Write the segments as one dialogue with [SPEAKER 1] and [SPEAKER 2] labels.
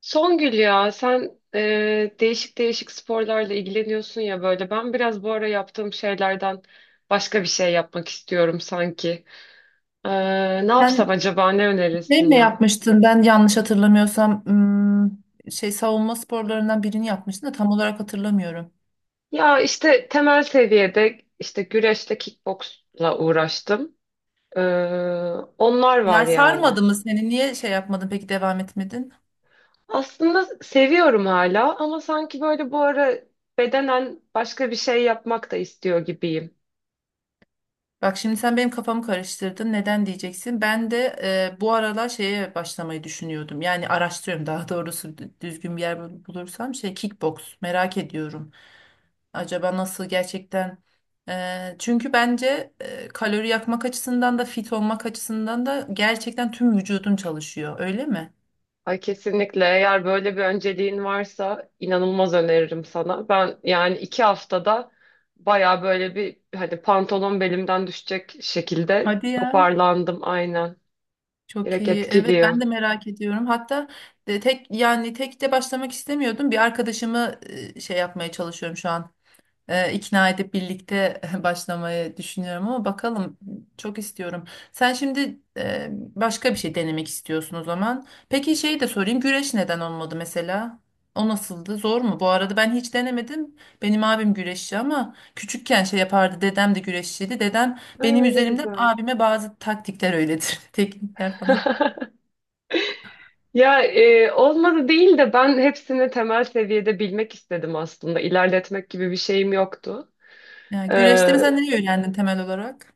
[SPEAKER 1] Songül, ya sen değişik değişik sporlarla ilgileniyorsun ya böyle. Ben biraz bu ara yaptığım şeylerden başka bir şey yapmak istiyorum sanki. E, Ne yapsam
[SPEAKER 2] Sen
[SPEAKER 1] acaba, ne
[SPEAKER 2] şey
[SPEAKER 1] önerirsin
[SPEAKER 2] mi
[SPEAKER 1] ya?
[SPEAKER 2] yapmıştın? Ben yanlış hatırlamıyorsam şey savunma sporlarından birini yapmıştın da tam olarak hatırlamıyorum.
[SPEAKER 1] Ya işte temel seviyede işte güreşle kickboksla uğraştım. E, Onlar var
[SPEAKER 2] Yani
[SPEAKER 1] yani.
[SPEAKER 2] sarmadı mı seni? Niye şey yapmadın peki devam etmedin?
[SPEAKER 1] Aslında seviyorum hala ama sanki böyle bu ara bedenen başka bir şey yapmak da istiyor gibiyim.
[SPEAKER 2] Bak şimdi sen benim kafamı karıştırdın. Neden diyeceksin? Ben de bu aralar şeye başlamayı düşünüyordum. Yani araştırıyorum daha doğrusu düzgün bir yer bulursam şey kickbox merak ediyorum. Acaba nasıl gerçekten? Çünkü bence kalori yakmak açısından da fit olmak açısından da gerçekten tüm vücudun çalışıyor. Öyle mi?
[SPEAKER 1] Ay kesinlikle, eğer böyle bir önceliğin varsa inanılmaz öneririm sana. Ben yani iki haftada baya böyle bir hani pantolon belimden düşecek şekilde
[SPEAKER 2] Hadi ya.
[SPEAKER 1] toparlandım, aynen.
[SPEAKER 2] Çok
[SPEAKER 1] Direkt
[SPEAKER 2] iyi. Evet ben de
[SPEAKER 1] etkiliyor.
[SPEAKER 2] merak ediyorum. Hatta de tek yani tek de başlamak istemiyordum. Bir arkadaşımı şey yapmaya çalışıyorum şu an. E, ikna edip birlikte başlamayı düşünüyorum ama bakalım çok istiyorum. Sen şimdi başka bir şey denemek istiyorsun o zaman. Peki şeyi de sorayım güreş neden olmadı mesela? O nasıldı? Zor mu? Bu arada ben hiç denemedim. Benim abim güreşçi ama küçükken şey yapardı. Dedem de güreşçiydi. Dedem benim
[SPEAKER 1] Aa, ne
[SPEAKER 2] üzerimden
[SPEAKER 1] güzel.
[SPEAKER 2] abime bazı taktikler öyledir. Teknikler falan.
[SPEAKER 1] Ya olmadı değil de ben hepsini temel seviyede bilmek istedim aslında. İlerletmek gibi bir şeyim yoktu.
[SPEAKER 2] Yani
[SPEAKER 1] E,
[SPEAKER 2] güreşte mesela neyi öğrendin temel olarak?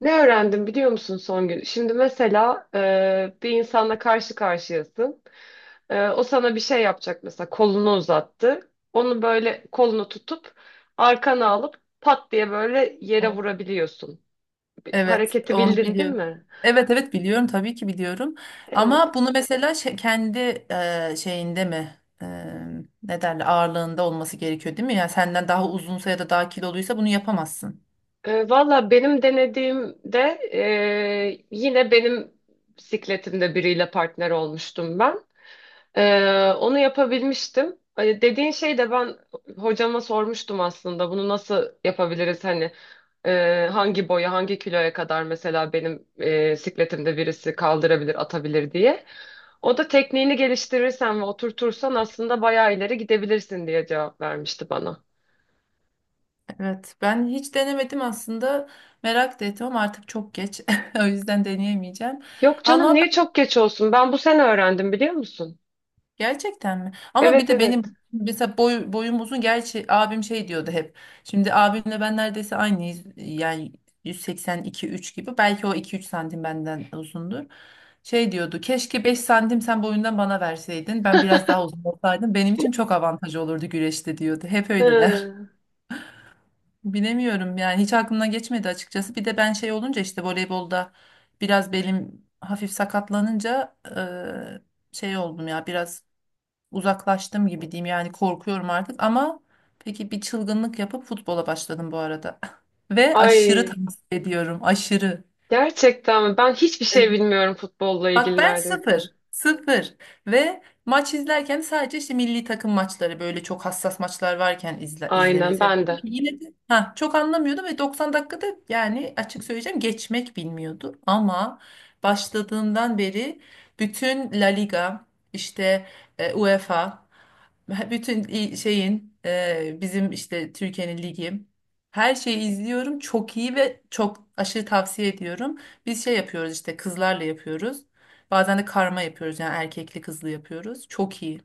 [SPEAKER 1] Ne öğrendim biliyor musun son gün? Şimdi mesela bir insanla karşı karşıyasın. O sana bir şey yapacak, mesela kolunu uzattı. Onu böyle kolunu tutup arkana alıp pat diye böyle yere vurabiliyorsun. Bir
[SPEAKER 2] Evet,
[SPEAKER 1] hareketi
[SPEAKER 2] onu
[SPEAKER 1] bildin değil
[SPEAKER 2] biliyorum.
[SPEAKER 1] mi?
[SPEAKER 2] Evet evet biliyorum tabii ki biliyorum.
[SPEAKER 1] Evet.
[SPEAKER 2] Ama bunu mesela kendi şeyinde mi e, ne derler ağırlığında olması gerekiyor değil mi? Yani senden daha uzunsa ya da daha kiloluysa bunu yapamazsın.
[SPEAKER 1] Valla benim denediğimde yine benim bisikletimde biriyle partner olmuştum ben. Onu yapabilmiştim. Dediğin şey de ben hocama sormuştum aslında bunu nasıl yapabiliriz hani hangi boya, hangi kiloya kadar mesela benim sikletimde birisi kaldırabilir, atabilir diye. O da tekniğini geliştirirsen ve oturtursan aslında bayağı ileri gidebilirsin diye cevap vermişti bana.
[SPEAKER 2] Evet ben hiç denemedim aslında merak da ettim ama artık çok geç o yüzden deneyemeyeceğim.
[SPEAKER 1] Yok canım,
[SPEAKER 2] Ama
[SPEAKER 1] niye çok geç olsun? Ben bu sene öğrendim, biliyor musun?
[SPEAKER 2] gerçekten mi? Ama bir
[SPEAKER 1] Evet,
[SPEAKER 2] de
[SPEAKER 1] evet.
[SPEAKER 2] benim mesela boyum uzun. Gerçi abim şey diyordu hep. Şimdi abimle ben neredeyse aynıyız. Yani 182-3 gibi. Belki o 2-3 santim benden uzundur. Şey diyordu. Keşke 5 santim sen boyundan bana verseydin. Ben biraz daha uzun olsaydım. Benim için çok avantaj olurdu güreşte diyordu. Hep öyle der.
[SPEAKER 1] Hı.
[SPEAKER 2] Bilemiyorum yani hiç aklımdan geçmedi açıkçası. Bir de ben şey olunca işte voleybolda biraz belim hafif sakatlanınca şey oldum ya biraz uzaklaştım gibi diyeyim yani korkuyorum artık ama peki bir çılgınlık yapıp futbola başladım bu arada. Ve aşırı
[SPEAKER 1] Ay,
[SPEAKER 2] tavsiye ediyorum aşırı.
[SPEAKER 1] gerçekten mi? Ben hiçbir şey bilmiyorum futbolla
[SPEAKER 2] Bak
[SPEAKER 1] ilgili
[SPEAKER 2] ben
[SPEAKER 1] neredeyse.
[SPEAKER 2] sıfır. Sıfır. Ve maç izlerken sadece işte milli takım maçları böyle çok hassas maçlar varken izlemeyi
[SPEAKER 1] Aynen, ben
[SPEAKER 2] seviyorum.
[SPEAKER 1] de.
[SPEAKER 2] Yine de ha, çok anlamıyordum ve 90 dakikada yani açık söyleyeceğim geçmek bilmiyordu. Ama başladığından beri bütün La Liga işte UEFA bütün şeyin bizim işte Türkiye'nin ligi her şeyi izliyorum. Çok iyi ve çok aşırı tavsiye ediyorum. Biz şey yapıyoruz işte kızlarla yapıyoruz. Bazen de karma yapıyoruz yani erkekli kızlı yapıyoruz. Çok iyi.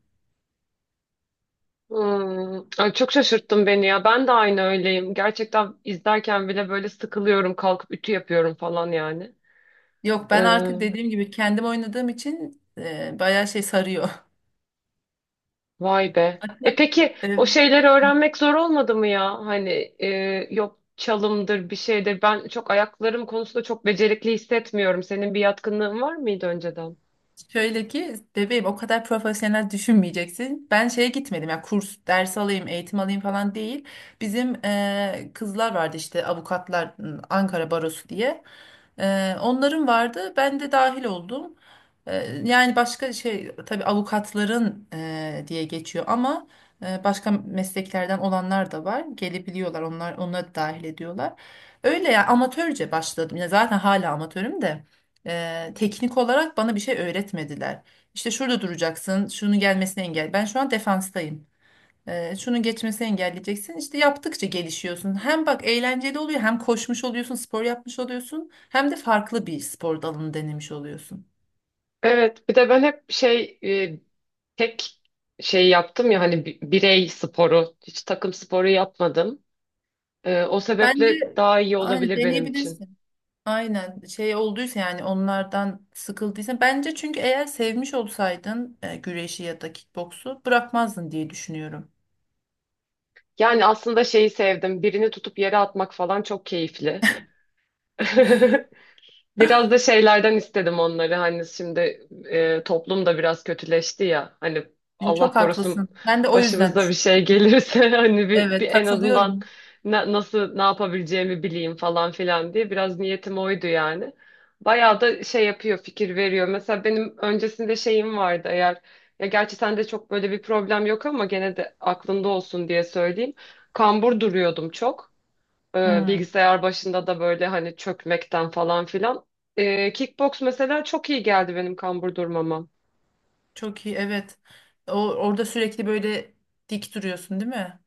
[SPEAKER 1] Hmm, ay çok şaşırttın beni ya. Ben de aynı öyleyim. Gerçekten izlerken bile böyle sıkılıyorum, kalkıp ütü yapıyorum falan yani.
[SPEAKER 2] Yok ben
[SPEAKER 1] Ee,
[SPEAKER 2] artık dediğim gibi kendim oynadığım için bayağı şey sarıyor.
[SPEAKER 1] Vay be.
[SPEAKER 2] Hatta
[SPEAKER 1] E peki o
[SPEAKER 2] e,
[SPEAKER 1] şeyleri öğrenmek zor olmadı mı ya? Hani e, yok çalımdır bir şeydir. Ben çok ayaklarım konusunda çok becerikli hissetmiyorum. Senin bir yatkınlığın var mıydı önceden?
[SPEAKER 2] şöyle ki bebeğim o kadar profesyonel düşünmeyeceksin. Ben şeye gitmedim ya kurs, ders alayım, eğitim alayım falan değil. Bizim kızlar vardı işte avukatlar Ankara Barosu diye. Onların vardı. Ben de dahil oldum. Yani başka şey tabii avukatların diye geçiyor ama başka mesleklerden olanlar da var. Gelebiliyorlar onlar onları da dahil ediyorlar. Öyle ya amatörce başladım. Ya zaten hala amatörüm de. Teknik olarak bana bir şey öğretmediler. İşte şurada duracaksın, şunun gelmesini engel. Ben şu an defanstayım. Şunun geçmesini engelleyeceksin. İşte yaptıkça gelişiyorsun. Hem bak eğlenceli oluyor, hem koşmuş oluyorsun, spor yapmış oluyorsun, hem de farklı bir spor dalını denemiş oluyorsun.
[SPEAKER 1] Evet, bir de ben hep şey tek şey yaptım ya hani bi- birey sporu, hiç takım sporu yapmadım. O
[SPEAKER 2] Bence
[SPEAKER 1] sebeple daha iyi
[SPEAKER 2] aynı
[SPEAKER 1] olabilir benim için.
[SPEAKER 2] deneyebilirsin. Aynen şey olduysa yani onlardan sıkıldıysan bence çünkü eğer sevmiş olsaydın güreşi ya da kickboksu bırakmazdın diye düşünüyorum.
[SPEAKER 1] Yani aslında şeyi sevdim. Birini tutup yere atmak falan çok keyifli. Biraz da şeylerden istedim onları. Hani şimdi toplum da biraz kötüleşti ya. Hani Allah
[SPEAKER 2] Çok
[SPEAKER 1] korusun
[SPEAKER 2] haklısın. Ben de o yüzden
[SPEAKER 1] başımıza bir
[SPEAKER 2] düşünüyorum.
[SPEAKER 1] şey gelirse hani bir, bir
[SPEAKER 2] Evet
[SPEAKER 1] en azından
[SPEAKER 2] katılıyorum.
[SPEAKER 1] na- nasıl ne yapabileceğimi bileyim falan filan diye biraz niyetim oydu yani. Bayağı da şey yapıyor, fikir veriyor. Mesela benim öncesinde şeyim vardı eğer, ya gerçi sende çok böyle bir problem yok ama gene de aklında olsun diye söyleyeyim. Kambur duruyordum çok,
[SPEAKER 2] Hmm,
[SPEAKER 1] bilgisayar başında da böyle hani çökmekten falan filan. E, kickbox mesela çok iyi geldi benim kambur durmama.
[SPEAKER 2] çok iyi evet. Orada sürekli böyle dik duruyorsun değil mi?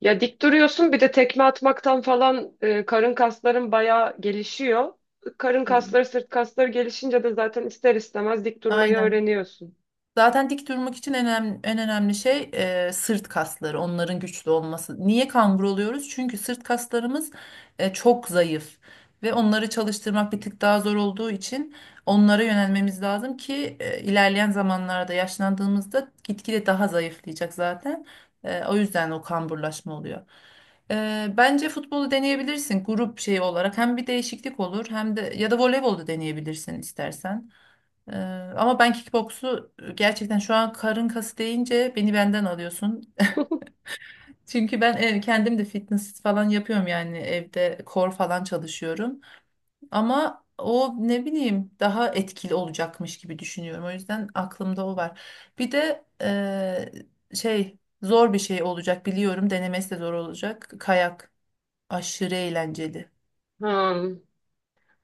[SPEAKER 1] Ya dik duruyorsun, bir de tekme atmaktan falan karın kasların bayağı gelişiyor. Karın
[SPEAKER 2] Hı.
[SPEAKER 1] kasları, sırt kasları gelişince de zaten ister istemez dik durmayı
[SPEAKER 2] Aynen.
[SPEAKER 1] öğreniyorsun.
[SPEAKER 2] Zaten dik durmak için en önemli, en önemli şey sırt kasları, onların güçlü olması. Niye kambur oluyoruz? Çünkü sırt kaslarımız çok zayıf ve onları çalıştırmak bir tık daha zor olduğu için onlara yönelmemiz lazım ki ilerleyen zamanlarda yaşlandığımızda gitgide daha zayıflayacak zaten. O yüzden o kamburlaşma oluyor. Bence futbolu deneyebilirsin grup şeyi olarak. Hem bir değişiklik olur hem de ya da voleybolu deneyebilirsin istersen. Ee, ama ben kickboksu gerçekten şu an karın kası deyince beni benden alıyorsun. Çünkü ben kendim de fitness falan yapıyorum yani evde core falan çalışıyorum. Ama o ne bileyim daha etkili olacakmış gibi düşünüyorum. O yüzden aklımda o var. Bir de şey zor bir şey olacak biliyorum. Denemesi de zor olacak. Kayak aşırı eğlenceli.
[SPEAKER 1] Ha.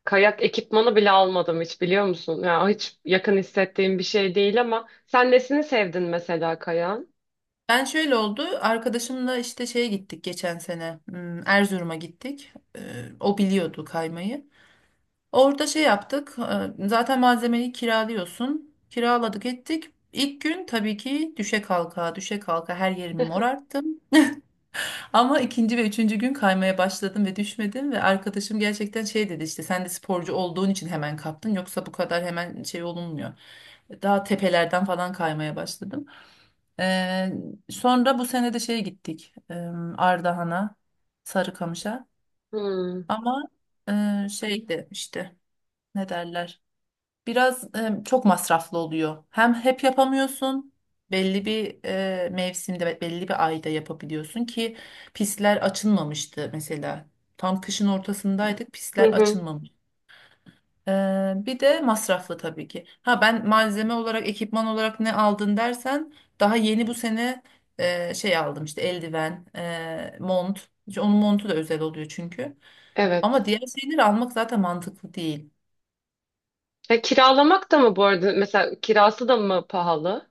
[SPEAKER 1] Kayak ekipmanı bile almadım hiç, biliyor musun? Ya hiç yakın hissettiğim bir şey değil ama sen nesini sevdin mesela kayağın?
[SPEAKER 2] Ben şöyle oldu. Arkadaşımla işte şeye gittik geçen sene. Erzurum'a gittik. O biliyordu kaymayı. Orada şey yaptık. Zaten malzemeyi kiralıyorsun. Kiraladık ettik. İlk gün tabii ki düşe kalka düşe kalka her yerimi morarttım. Ama ikinci ve üçüncü gün kaymaya başladım ve düşmedim. Ve arkadaşım gerçekten şey dedi işte sen de sporcu olduğun için hemen kaptın. Yoksa bu kadar hemen şey olunmuyor. Daha tepelerden falan kaymaya başladım. Ee, sonra bu sene de şeye gittik. Ardahan'a, Sarıkamış'a.
[SPEAKER 1] Hmm.
[SPEAKER 2] Ama şeydi işte ne derler? Biraz çok masraflı oluyor. Hem hep yapamıyorsun. Belli bir mevsimde ve belli bir ayda yapabiliyorsun ki pistler açılmamıştı mesela. Tam kışın ortasındaydık.
[SPEAKER 1] Hı
[SPEAKER 2] Pistler
[SPEAKER 1] hı.
[SPEAKER 2] açılmamış. Bir de masraflı tabii ki. Ha ben malzeme olarak, ekipman olarak ne aldın dersen daha yeni bu sene şey aldım işte eldiven, mont. İşte onun montu da özel oluyor çünkü.
[SPEAKER 1] Evet.
[SPEAKER 2] Ama diğer şeyleri almak zaten mantıklı değil.
[SPEAKER 1] E, kiralamak da mı bu arada? Mesela kirası da mı pahalı?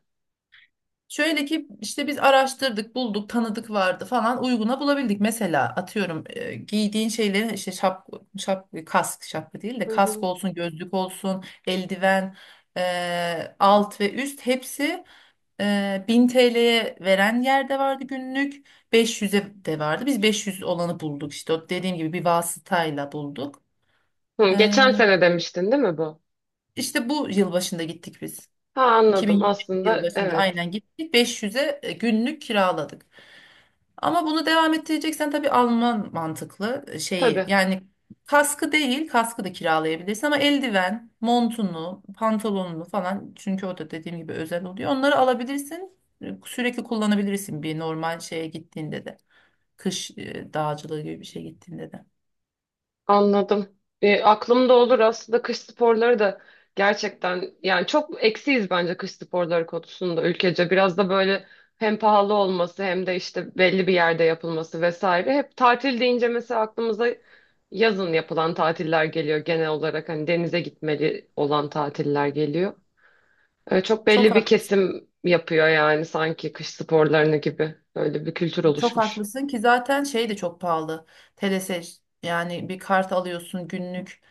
[SPEAKER 2] Şöyle ki işte biz araştırdık, bulduk, tanıdık vardı falan uyguna bulabildik. Mesela atıyorum giydiğin şeylerin işte şap, kask, şapka değil de
[SPEAKER 1] Hı
[SPEAKER 2] kask
[SPEAKER 1] hı.
[SPEAKER 2] olsun, gözlük olsun, eldiven, alt ve üst hepsi 1000 TL'ye veren yer de vardı günlük. 500'e de vardı. Biz 500 olanı bulduk işte. O dediğim gibi bir vasıtayla bulduk.
[SPEAKER 1] Hı, geçen
[SPEAKER 2] Ee,
[SPEAKER 1] sene demiştin değil mi bu?
[SPEAKER 2] işte bu yılbaşında gittik biz.
[SPEAKER 1] Ha, anladım
[SPEAKER 2] 2022 yıl
[SPEAKER 1] aslında,
[SPEAKER 2] başında
[SPEAKER 1] evet.
[SPEAKER 2] aynen gittik. 500'e günlük kiraladık. Ama bunu devam ettireceksen tabii Alman mantıklı şeyi.
[SPEAKER 1] Tabii.
[SPEAKER 2] Yani kaskı değil, kaskı da kiralayabilirsin ama eldiven, montunu, pantolonunu falan çünkü o da dediğim gibi özel oluyor. Onları alabilirsin. Sürekli kullanabilirsin bir normal şeye gittiğinde de. Kış dağcılığı gibi bir şey gittiğinde de.
[SPEAKER 1] Anladım. E, aklımda olur aslında kış sporları da gerçekten, yani çok eksiyiz bence kış sporları konusunda ülkece. Biraz da böyle hem pahalı olması hem de işte belli bir yerde yapılması vesaire. Hep tatil deyince mesela aklımıza yazın yapılan tatiller geliyor genel olarak, hani denize gitmeli olan tatiller geliyor. E, çok
[SPEAKER 2] Çok
[SPEAKER 1] belli bir
[SPEAKER 2] haklı.
[SPEAKER 1] kesim yapıyor yani, sanki kış sporlarını gibi böyle bir kültür
[SPEAKER 2] Çok
[SPEAKER 1] oluşmuş.
[SPEAKER 2] haklısın ki zaten şey de çok pahalı. Telese yani bir kart alıyorsun günlük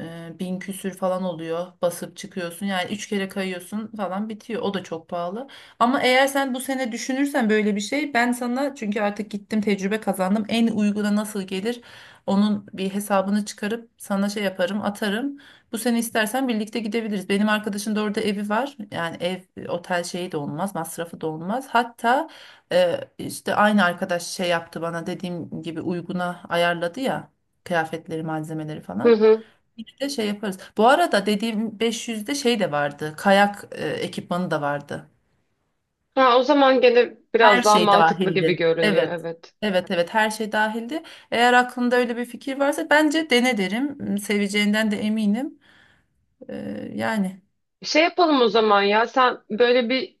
[SPEAKER 2] bin küsür falan oluyor basıp çıkıyorsun yani üç kere kayıyorsun falan bitiyor o da çok pahalı ama eğer sen bu sene düşünürsen böyle bir şey ben sana çünkü artık gittim tecrübe kazandım en uyguna nasıl gelir onun bir hesabını çıkarıp sana şey yaparım atarım bu sene istersen birlikte gidebiliriz benim arkadaşın da orada evi var yani ev otel şeyi de olmaz masrafı da olmaz hatta işte aynı arkadaş şey yaptı bana dediğim gibi uyguna ayarladı ya kıyafetleri malzemeleri
[SPEAKER 1] Hı
[SPEAKER 2] falan
[SPEAKER 1] hı.
[SPEAKER 2] bir de şey yaparız. Bu arada dediğim 500'de şey de vardı. Kayak ekipmanı da vardı.
[SPEAKER 1] Ha, o zaman gene
[SPEAKER 2] Her
[SPEAKER 1] biraz daha
[SPEAKER 2] şey
[SPEAKER 1] mantıklı gibi
[SPEAKER 2] dahildi.
[SPEAKER 1] görünüyor,
[SPEAKER 2] Evet.
[SPEAKER 1] evet.
[SPEAKER 2] Evet evet her şey dahildi. Eğer aklında öyle bir fikir varsa bence dene derim. Seveceğinden de eminim. Yani
[SPEAKER 1] Şey yapalım o zaman ya, sen böyle bir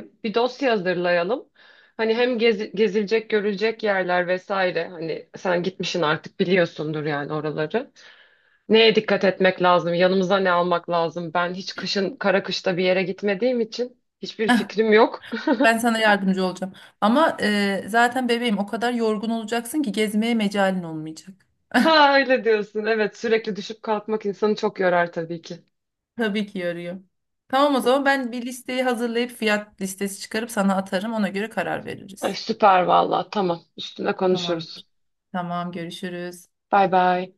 [SPEAKER 1] bir dosya hazırlayalım. Hani hem gezi- gezilecek görülecek yerler vesaire, hani sen gitmişsin artık biliyorsundur yani oraları. Neye dikkat etmek lazım? Yanımıza ne almak lazım? Ben hiç kışın, kara kışta bir yere gitmediğim için hiçbir fikrim yok.
[SPEAKER 2] ben sana yardımcı olacağım. Ama zaten bebeğim o kadar yorgun olacaksın ki gezmeye mecalin olmayacak.
[SPEAKER 1] Ha, öyle diyorsun. Evet, sürekli düşüp kalkmak insanı çok yorar tabii ki.
[SPEAKER 2] Tabii ki yarıyor. Tamam o zaman ben bir listeyi hazırlayıp fiyat listesi çıkarıp sana atarım. Ona göre karar
[SPEAKER 1] Ay,
[SPEAKER 2] veririz.
[SPEAKER 1] süper valla, tamam, üstüne
[SPEAKER 2] Tamam.
[SPEAKER 1] konuşuruz.
[SPEAKER 2] Tamam görüşürüz.
[SPEAKER 1] Bay bay.